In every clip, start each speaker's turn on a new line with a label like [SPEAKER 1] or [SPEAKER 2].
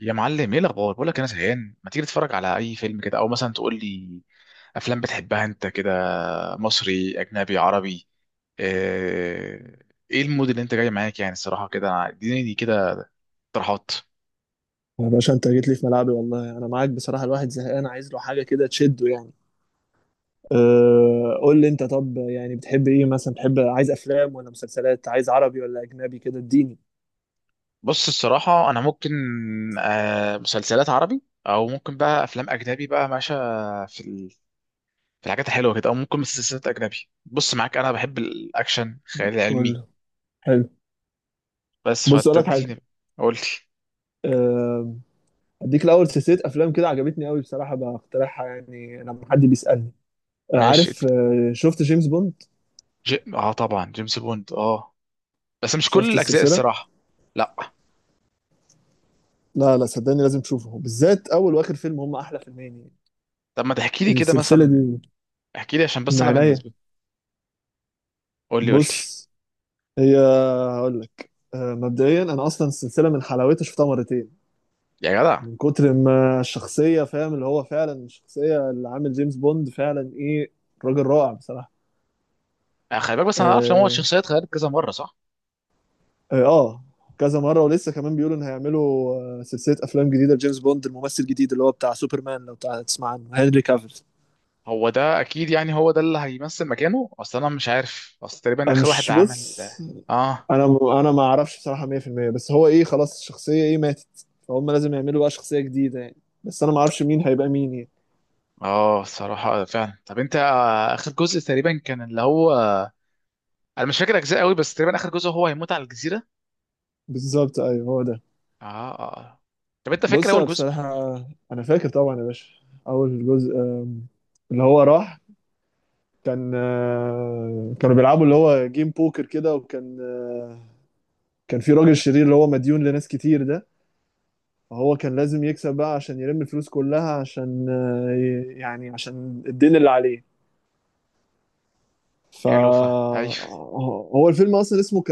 [SPEAKER 1] يا معلم، ايه الاخبار؟ بقول لك انا زهقان، ما تيجي تتفرج على اي فيلم كده، او مثلا تقول لي افلام بتحبها انت كده، مصري اجنبي عربي؟ آه، ايه المود اللي انت جاي معاك؟ يعني الصراحه كده اديني دي كده اقتراحات.
[SPEAKER 2] يا باشا، انت جيت لي في ملعبي، والله انا معاك بصراحه. الواحد زهقان، عايز له حاجه كده تشده يعني. قول لي انت، طب يعني بتحب ايه، مثلا بتحب عايز افلام ولا مسلسلات، عايز عربي ولا اجنبي، كده اديني.
[SPEAKER 1] بص، الصراحه انا ممكن مسلسلات عربي، او ممكن بقى افلام اجنبي بقى، ماشي في ال- في الحاجات الحلوه كده، او ممكن مسلسلات اجنبي. بص، معاك انا بحب الاكشن، الخيال العلمي،
[SPEAKER 2] كله حلو.
[SPEAKER 1] بس
[SPEAKER 2] بص اقول لك حاجه.
[SPEAKER 1] فتديني. قول لي.
[SPEAKER 2] أه اديك الاول سلسله افلام كده عجبتني قوي بصراحه، بقترحها يعني لما حد بيسالني.
[SPEAKER 1] ماشي.
[SPEAKER 2] عارف، شفت جيمس بوند؟
[SPEAKER 1] اه طبعا جيمس بوند، اه. بس مش كل
[SPEAKER 2] شفت
[SPEAKER 1] الاجزاء
[SPEAKER 2] السلسله؟
[SPEAKER 1] الصراحه. لا.
[SPEAKER 2] لا لا، صدقني لازم تشوفه، بالذات اول واخر فيلم هم احلى فيلمين يعني.
[SPEAKER 1] طب ما تحكي لي كده
[SPEAKER 2] السلسله دي
[SPEAKER 1] مثلا؟ احكي لي عشان
[SPEAKER 2] من
[SPEAKER 1] بس انا
[SPEAKER 2] عينيا.
[SPEAKER 1] بالنسبه. قول لي، قول لي.
[SPEAKER 2] بص، هي هقول لك، مبدئيا انا اصلا السلسله من حلاوتها شفتها مرتين.
[SPEAKER 1] يا جدع.
[SPEAKER 2] من كتر ما الشخصيه فاهم، اللي هو فعلا الشخصيه اللي عامل جيمس بوند فعلا ايه، راجل رائع بصراحه.
[SPEAKER 1] خلي بالك، بس انا عارف ان هو
[SPEAKER 2] اه,
[SPEAKER 1] الشخصيات اتغيرت كذا مره، صح؟
[SPEAKER 2] آه آه، كذا مره ولسه كمان بيقولوا ان هيعملوا سلسله افلام جديده لجيمس بوند. الممثل الجديد اللي هو بتاع سوبرمان، لو تسمع عنه، هنري كافيل.
[SPEAKER 1] هو ده اكيد، يعني هو ده اللي هيمثل مكانه. اصل انا مش عارف، اصل تقريبا
[SPEAKER 2] انا
[SPEAKER 1] اخر واحد
[SPEAKER 2] مش
[SPEAKER 1] عمل
[SPEAKER 2] بص
[SPEAKER 1] ده. اه،
[SPEAKER 2] انا انا ما اعرفش بصراحه 100%. بس هو ايه، خلاص الشخصيه ايه ماتت، فهم لازم يعملوا بقى شخصيه جديده يعني، بس انا ما اعرفش مين هيبقى مين يعني.
[SPEAKER 1] اه. الصراحه فعلا. طب انت اخر جزء تقريبا كان اللي هو، انا مش فاكر اجزاء قوي، بس تقريبا اخر جزء هو هيموت على الجزيره.
[SPEAKER 2] بالظبط، ايوه، هو ده.
[SPEAKER 1] اه. اه، آه. طب انت فاكر
[SPEAKER 2] بص
[SPEAKER 1] اول
[SPEAKER 2] أنا
[SPEAKER 1] جزء؟
[SPEAKER 2] بصراحة انا فاكر طبعا يا باشا. اول جزء، اللي هو راح، كانوا بيلعبوا اللي هو جيم بوكر كده، وكان آه، كان في راجل شرير اللي هو مديون لناس كتير ده. فهو كان لازم يكسب بقى عشان يلم الفلوس كلها، عشان يعني عشان الدين اللي عليه. ف
[SPEAKER 1] حلو، فا ايوه.
[SPEAKER 2] آه، هو الفيلم اصلا اسمه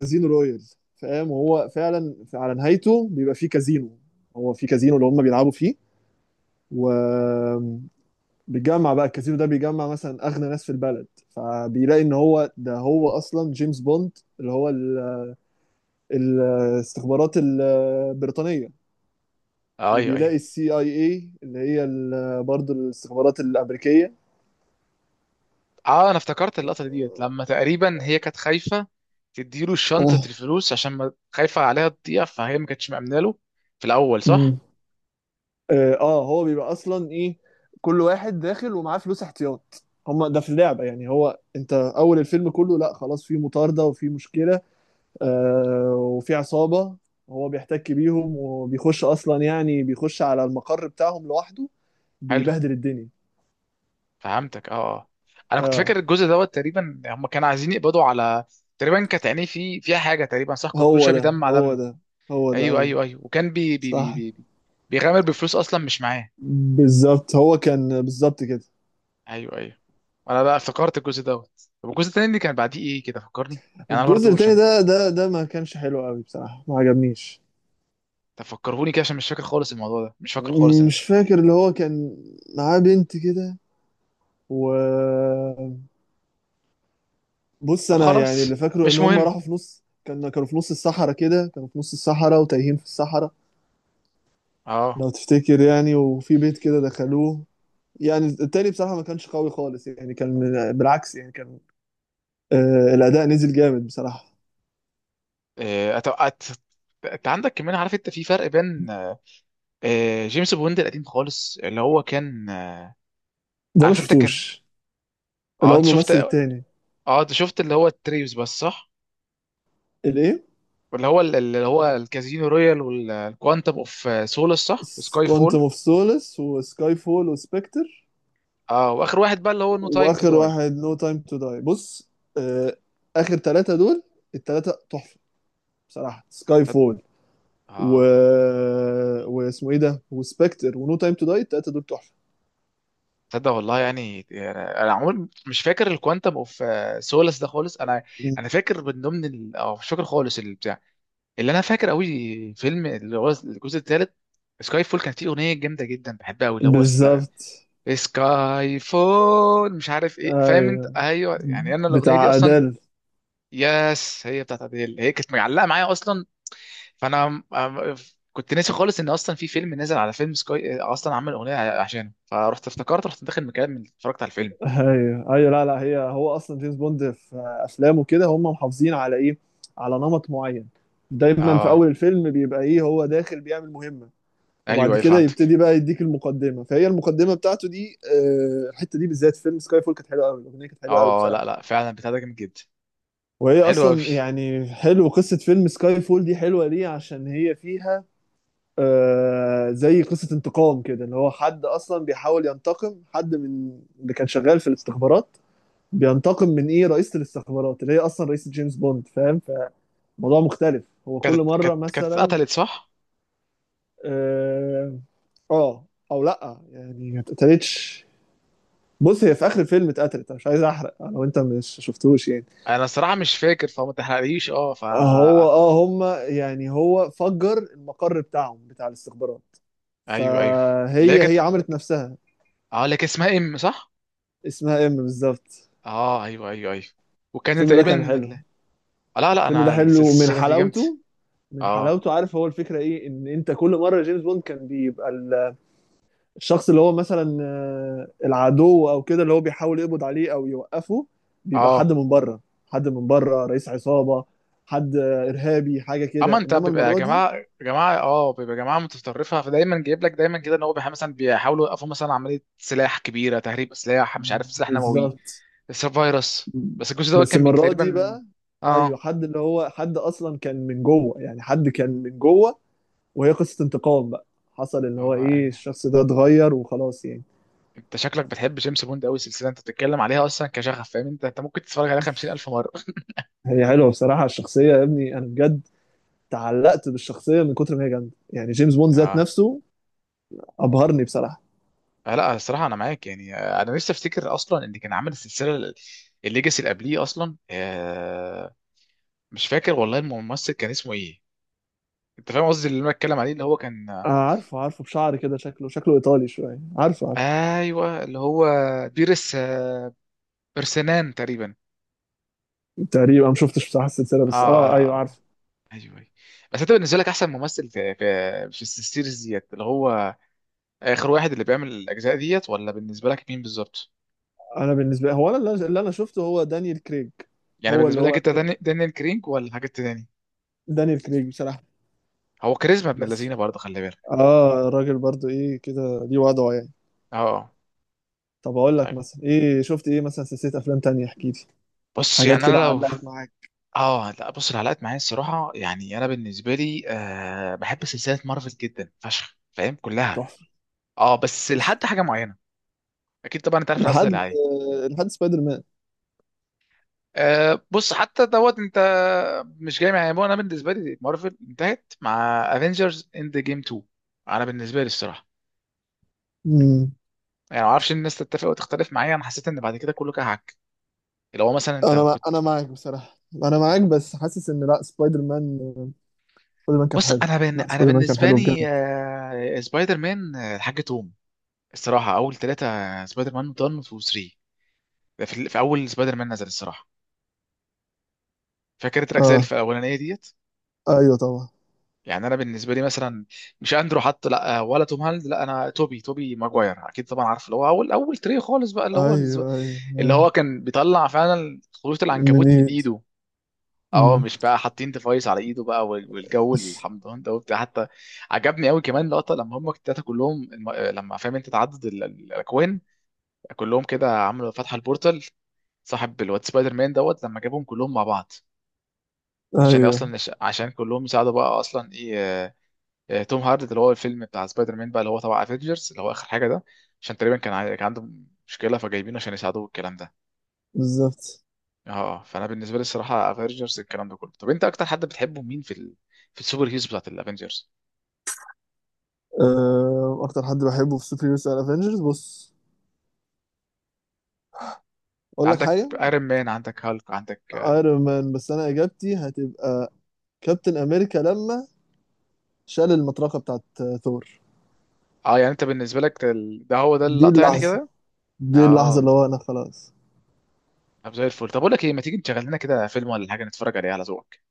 [SPEAKER 2] كازينو رويال، فاهم؟ وهو فعلا على نهايته بيبقى فيه كازينو، هو في كازينو اللي هم بيلعبوا فيه، و بيجمع بقى، الكازينو ده بيجمع مثلا اغنى ناس في البلد. فبيلاقي ان هو ده، هو اصلا جيمس بوند اللي هو الاستخبارات البريطانيه،
[SPEAKER 1] ايوه، ايوه.
[SPEAKER 2] وبيلاقي السي اي اي اللي هي برضه الاستخبارات الامريكيه.
[SPEAKER 1] اه، انا افتكرت اللقطه ديت لما تقريبا هي كانت خايفه تديله شنطه
[SPEAKER 2] اه.
[SPEAKER 1] الفلوس، عشان ما خايفه عليها تضيع، فهي ما كانتش مأمنه له في الاول، صح؟
[SPEAKER 2] مم. اه، هو بيبقى اصلا ايه، كل واحد داخل ومعاه فلوس احتياط. هما ده في اللعبه يعني، هو انت اول الفيلم كله، لا خلاص في مطارده وفي مشكله وفي عصابة. هو بيحتك بيهم وبيخش أصلا، يعني بيخش على المقر بتاعهم لوحده،
[SPEAKER 1] حلو،
[SPEAKER 2] بيبهدل الدنيا.
[SPEAKER 1] فهمتك. اه، اه. انا كنت
[SPEAKER 2] اه،
[SPEAKER 1] فاكر الجزء دوت، تقريبا هم كانوا عايزين يقبضوا على، تقريبا كانت عينيه في فيها حاجه تقريبا، صح؟ كان كل
[SPEAKER 2] هو
[SPEAKER 1] شويه
[SPEAKER 2] ده،
[SPEAKER 1] بيدمع
[SPEAKER 2] هو
[SPEAKER 1] دم.
[SPEAKER 2] ده، هو ده،
[SPEAKER 1] ايوه،
[SPEAKER 2] أيوه،
[SPEAKER 1] ايوه، ايوه. وكان
[SPEAKER 2] صح،
[SPEAKER 1] بيغامر بفلوس اصلا مش معاه.
[SPEAKER 2] بالظبط، هو كان بالظبط كده.
[SPEAKER 1] ايوه، ايوه. انا بقى افتكرت الجزء دوت. طب الجزء التاني اللي كان بعديه ايه كده فكرني؟ يعني انا
[SPEAKER 2] الجزء
[SPEAKER 1] برضو
[SPEAKER 2] التاني
[SPEAKER 1] عشان
[SPEAKER 2] ده ما كانش حلو قوي بصراحة، ما عجبنيش.
[SPEAKER 1] تفكرهوني كده، عشان مش فاكر خالص الموضوع ده، مش فاكر خالص.
[SPEAKER 2] مش فاكر، اللي هو كان معاه بنت كده، و بص
[SPEAKER 1] طب
[SPEAKER 2] انا يعني،
[SPEAKER 1] خلاص،
[SPEAKER 2] اللي فاكره ان
[SPEAKER 1] مش
[SPEAKER 2] هم
[SPEAKER 1] مهم.
[SPEAKER 2] راحوا في نص، كانوا في نص الصحراء كده، كانوا في نص الصحراء وتايهين في الصحراء،
[SPEAKER 1] اه.
[SPEAKER 2] لو تفتكر يعني، وفي بيت كده دخلوه. يعني التاني بصراحة ما كانش قوي خالص يعني، كان بالعكس يعني، كان الأداء نزل جامد بصراحة.
[SPEAKER 1] إيه، انت عندك كمان، عارف انت، في فرق بين جيمس بوند القديم خالص اللي هو كان،
[SPEAKER 2] ده ما
[SPEAKER 1] عارف انت كان.
[SPEAKER 2] شفتوش اللي
[SPEAKER 1] اه،
[SPEAKER 2] هو
[SPEAKER 1] انت شفت،
[SPEAKER 2] الممثل التاني.
[SPEAKER 1] اه، انت شفت اللي هو التريوس بس، صح؟
[SPEAKER 2] الإيه؟
[SPEAKER 1] واللي هو اللي هو الكازينو رويال، والكوانتم اوف سولس، صح؟ وسكاي
[SPEAKER 2] كوانتم
[SPEAKER 1] فول.
[SPEAKER 2] اوف سولس وسكاي فول وسبكتر،
[SPEAKER 1] اه، واخر واحد بقى اللي هو نو تايم تو
[SPEAKER 2] وآخر
[SPEAKER 1] داي.
[SPEAKER 2] واحد نو تايم تو داي. بص، آه آخر ثلاثة دول الثلاثة تحفة بصراحة. سكاي
[SPEAKER 1] تصدق،
[SPEAKER 2] فول و...
[SPEAKER 1] اه.
[SPEAKER 2] واسمه إيه ده؟ وسبكتر ونو تايم تو داي، الثلاثة دول تحفة.
[SPEAKER 1] تصدق والله. يعني انا عمري مش فاكر الكوانتم اوف سولس ده خالص، انا. انا فاكر من ضمن اه مش فاكر خالص البتاع. اللي انا فاكر قوي فيلم اللي هو الجزء الثالث سكاي فول، كانت فيه اغنيه جامده جدا بحبها قوي، اللي هو لا،
[SPEAKER 2] بالظبط،
[SPEAKER 1] سكاي فول مش عارف ايه، فاهم انت،
[SPEAKER 2] ايوه،
[SPEAKER 1] ايوه. يعني انا الاغنيه دي
[SPEAKER 2] بتاع
[SPEAKER 1] اصلا،
[SPEAKER 2] ادل.
[SPEAKER 1] يس، هي بتاعت اديل، هي كانت معلقه معايا اصلا. فانا أم- كنت ناسي خالص ان اصلا في فيلم نزل على فيلم سكاي، اصلا عمل اغنيه عشانه، فرحت افتكرت رحت داخل مكان من اتفرجت على الفيلم.
[SPEAKER 2] ايوه ايوه، لا لا، هو اصلا جيمس بوند في افلامه كده، هم محافظين على ايه، على نمط معين. دايما في
[SPEAKER 1] اه،
[SPEAKER 2] اول الفيلم بيبقى ايه، هو داخل بيعمل مهمه،
[SPEAKER 1] ايوه،
[SPEAKER 2] وبعد
[SPEAKER 1] ايوه،
[SPEAKER 2] كده
[SPEAKER 1] فهمتك.
[SPEAKER 2] يبتدي بقى يديك المقدمه. فهي المقدمه بتاعته دي، الحته دي بالذات في فيلم سكاي فول كانت حلوه قوي، الاغنيه كانت حلوه قوي
[SPEAKER 1] اه،
[SPEAKER 2] بصراحه.
[SPEAKER 1] لا، لا، فعلا بتاع ده جامد جدا. طب
[SPEAKER 2] وهي
[SPEAKER 1] حلو قوي.
[SPEAKER 2] اصلا يعني، حلو قصه فيلم سكاي فول دي حلوه ليه، عشان هي فيها زي قصه انتقام كده، اللي هو حد اصلا بيحاول ينتقم، حد من اللي كان شغال في الاستخبارات. بينتقم من ايه، رئيسة الاستخبارات اللي هي اصلا رئيسة جيمس بوند، فاهم؟ فموضوع مختلف، هو كل
[SPEAKER 1] كانت
[SPEAKER 2] مرة
[SPEAKER 1] كانت كانت
[SPEAKER 2] مثلا.
[SPEAKER 1] اتقتلت، صح؟
[SPEAKER 2] اه، آه، او لا يعني، ما اتقتلتش. بص هي في اخر الفيلم اتقتلت، أنا مش عايز احرق لو انت مش شفتوش يعني.
[SPEAKER 1] انا الصراحه مش فاكر، فما تحرقليش. اه،
[SPEAKER 2] هو
[SPEAKER 1] فانا،
[SPEAKER 2] اه هما يعني هو فجر المقر بتاعهم بتاع الاستخبارات،
[SPEAKER 1] ايوه، ايوه، اللي هي
[SPEAKER 2] فهي
[SPEAKER 1] كانت،
[SPEAKER 2] عملت نفسها.
[SPEAKER 1] اه اللي كانت اسمها ام، صح؟
[SPEAKER 2] اسمها ام بالظبط.
[SPEAKER 1] اه، ايوه، ايوه، ايوه. وكان
[SPEAKER 2] الفيلم ده
[SPEAKER 1] تقريبا
[SPEAKER 2] كان حلو،
[SPEAKER 1] آه، لا، لا،
[SPEAKER 2] الفيلم
[SPEAKER 1] انا
[SPEAKER 2] ده حلو من
[SPEAKER 1] السلسله دي جامده.
[SPEAKER 2] حلاوته من
[SPEAKER 1] اه،
[SPEAKER 2] حلاوته عارف. هو الفكره ايه، ان انت كل مره جيمس بوند كان بيبقى الشخص، اللي هو مثلا العدو او كده، اللي هو بيحاول يقبض عليه او يوقفه، بيبقى
[SPEAKER 1] اه.
[SPEAKER 2] حد من بره، حد من بره، رئيس عصابة، حد ارهابي، حاجة
[SPEAKER 1] اما
[SPEAKER 2] كده.
[SPEAKER 1] انت
[SPEAKER 2] انما
[SPEAKER 1] بيبقى
[SPEAKER 2] المرة دي
[SPEAKER 1] جماعه جماعه اه بيبقى جماعه متطرفه، فدايما جايب لك دايما كده ان هو مثلا بيحاولوا يوقفوا مثلا عمليه سلاح كبيره، تهريب سلاح، مش عارف سلاح نووي،
[SPEAKER 2] بالظبط،
[SPEAKER 1] بس فيروس. بس الجزء ده
[SPEAKER 2] بس
[SPEAKER 1] كان
[SPEAKER 2] المرة
[SPEAKER 1] تقريبا
[SPEAKER 2] دي
[SPEAKER 1] من.
[SPEAKER 2] بقى ايوه،
[SPEAKER 1] اه،
[SPEAKER 2] حد اللي هو، حد اصلا كان من جوه يعني، حد كان من جوه، وهي قصة انتقام بقى. حصل اللي هو
[SPEAKER 1] اه،
[SPEAKER 2] ايه،
[SPEAKER 1] أيوة.
[SPEAKER 2] الشخص ده اتغير وخلاص يعني.
[SPEAKER 1] انت شكلك بتحب جيمس بوند قوي، السلسله انت بتتكلم عليها اصلا كشغف، فاهم انت ممكن تتفرج عليها 50,000 مره.
[SPEAKER 2] هي حلوة بصراحة الشخصية، يا ابني انا بجد تعلقت بالشخصية من كتر ما هي جامدة، يعني جيمس بوند ذات
[SPEAKER 1] اه،
[SPEAKER 2] نفسه ابهرني بصراحه.
[SPEAKER 1] لا الصراحه انا معاك، يعني انا لسه افتكر اصلا ان كان عامل السلسله الليجاسي اللي قبليه اصلا، مش فاكر والله الممثل كان اسمه ايه. انت فاهم قصدي اللي انا بتكلم عليه، اللي هو كان،
[SPEAKER 2] آه، عارفه عارفه، بشعر كده، شكله شكله ايطالي شويه، عارفه عارفه.
[SPEAKER 1] ايوه اللي هو بيرس، برسنان تقريبا.
[SPEAKER 2] تقريبا ما شفتش بصراحه السلسله،
[SPEAKER 1] اه،
[SPEAKER 2] بس اه ايوه
[SPEAKER 1] آه.
[SPEAKER 2] عارفه.
[SPEAKER 1] ايوه، أيوة. بس انت بالنسبه لك احسن ممثل في السيريز ديت، اللي هو اخر واحد اللي بيعمل الاجزاء ديت، ولا بالنسبه لك مين بالظبط؟
[SPEAKER 2] انا بالنسبه لي، هو انا اللي انا شفته هو دانيال كريج.
[SPEAKER 1] يعني
[SPEAKER 2] هو اللي
[SPEAKER 1] بالنسبه
[SPEAKER 2] هو
[SPEAKER 1] لك انت
[SPEAKER 2] آخر،
[SPEAKER 1] دانيال كرينج، ولا حاجه تاني؟
[SPEAKER 2] دانيال كريج بصراحه.
[SPEAKER 1] هو كاريزما ابن
[SPEAKER 2] بس
[SPEAKER 1] اللذينه برضه، خلي بالك.
[SPEAKER 2] اه، الراجل برضو ايه كده، ليه وضعه يعني.
[SPEAKER 1] اه.
[SPEAKER 2] طب اقول لك
[SPEAKER 1] طيب،
[SPEAKER 2] مثلا ايه، شفت ايه مثلا سلسله افلام تانية، احكي لي،
[SPEAKER 1] بص
[SPEAKER 2] حاجات
[SPEAKER 1] يعني انا
[SPEAKER 2] كده
[SPEAKER 1] لو،
[SPEAKER 2] علقت معاك.
[SPEAKER 1] اه لا بص العلاقات معايا الصراحه، يعني انا بالنسبه لي بحب سلسله مارفل جدا فشخ، فاهم كلها.
[SPEAKER 2] تحفه
[SPEAKER 1] اه، بس لحد حاجه معينه. اكيد طبعا انت عارف انا قصدي
[SPEAKER 2] لحد
[SPEAKER 1] على ايه.
[SPEAKER 2] لحد سبايدر مان.
[SPEAKER 1] بص، حتى دوت انت مش جاي معايا. انا بالنسبه لي مارفل انتهت مع افنجرز اند جيم 2. انا بالنسبه لي الصراحه،
[SPEAKER 2] مم.
[SPEAKER 1] يعني ما اعرفش، الناس تتفق وتختلف معايا، انا حسيت ان بعد كده كله كهك. اللي هو مثلا انت كنت،
[SPEAKER 2] انا معاك بصراحه، انا معاك، بس حاسس ان لا، سبايدر مان كان
[SPEAKER 1] بص
[SPEAKER 2] حلو. لا،
[SPEAKER 1] انا
[SPEAKER 2] سبايدر مان كان
[SPEAKER 1] بالنسبه
[SPEAKER 2] حلو بجد.
[SPEAKER 1] لي سبايدر مان، الحاج توم. الصراحه اول ثلاثه سبايدر مان 1 و 3، ده في اول سبايدر مان نزل الصراحه، فاكر التلات اجزاء
[SPEAKER 2] اه،
[SPEAKER 1] الاولانيه ديت.
[SPEAKER 2] ايوه طبعا،
[SPEAKER 1] يعني انا بالنسبه لي مثلا، مش اندرو حتى، لا، ولا توم هولاند، لا، انا توبي، ماجواير اكيد طبعا، عارف اللي هو اول اول تري خالص بقى، اللي هو
[SPEAKER 2] ايوه ايوه,
[SPEAKER 1] اللي هو
[SPEAKER 2] أيوة.
[SPEAKER 1] كان بيطلع فعلا خيوط
[SPEAKER 2] من
[SPEAKER 1] العنكبوت من
[SPEAKER 2] ايد.
[SPEAKER 1] ايده. اه،
[SPEAKER 2] أمم.
[SPEAKER 1] مش بقى حاطين ديفايس على ايده بقى، والجو الحمضان ده وبتاع حتى. عجبني قوي كمان لقطه لما هم التلاته كلهم، لما فاهم انت تعدد الاكوان، كلهم كده عملوا فتحه البورتال، صاحب الواد سبايدر مان دوت لما جابهم كلهم مع بعض عشان
[SPEAKER 2] ايوه
[SPEAKER 1] اصلا عشان كلهم يساعدوا بقى اصلا ايه، توم هاردي اللي هو الفيلم بتاع سبايدر مان بقى، اللي هو تبع افنجرز، اللي هو اخر حاجه ده. عشان تقريبا كان كان عنده مشكله فجايبينه عشان يساعدوه الكلام ده.
[SPEAKER 2] بالظبط.
[SPEAKER 1] اه، فانا بالنسبه لي الصراحه افنجرز الكلام ده كله. طب انت اكتر حد بتحبه مين في السوبر هيروز بتاعت الافنجرز؟
[SPEAKER 2] اكتر حد بحبه في سوبر هيروز على افنجرز، بص اقول لك
[SPEAKER 1] عندك
[SPEAKER 2] حاجه.
[SPEAKER 1] ايرون مان، عندك هالك، عندك.
[SPEAKER 2] ايرون مان، بس انا اجابتي هتبقى كابتن امريكا لما شال المطرقه بتاعت ثور.
[SPEAKER 1] اه، يعني انت بالنسبه لك ده ده هو ده
[SPEAKER 2] دي
[SPEAKER 1] اللقطه يعني
[SPEAKER 2] اللحظه،
[SPEAKER 1] كده.
[SPEAKER 2] دي اللحظه
[SPEAKER 1] اه.
[SPEAKER 2] اللي هو انا خلاص.
[SPEAKER 1] طب زي الفل. طب اقول لك ايه، ما تيجي نشغل لنا كده فيلم ولا حاجه نتفرج عليه على ذوقك؟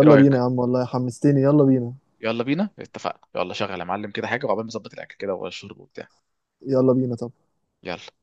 [SPEAKER 1] ايه
[SPEAKER 2] بينا يا
[SPEAKER 1] رايك؟
[SPEAKER 2] عم، والله حمستني، يلا بينا،
[SPEAKER 1] يلا بينا، اتفقنا. يلا شغل يا معلم كده حاجه، وعقبال ما نظبط الاكل كده والشرب وبتاع.
[SPEAKER 2] يلا بينا، طب.
[SPEAKER 1] يلا.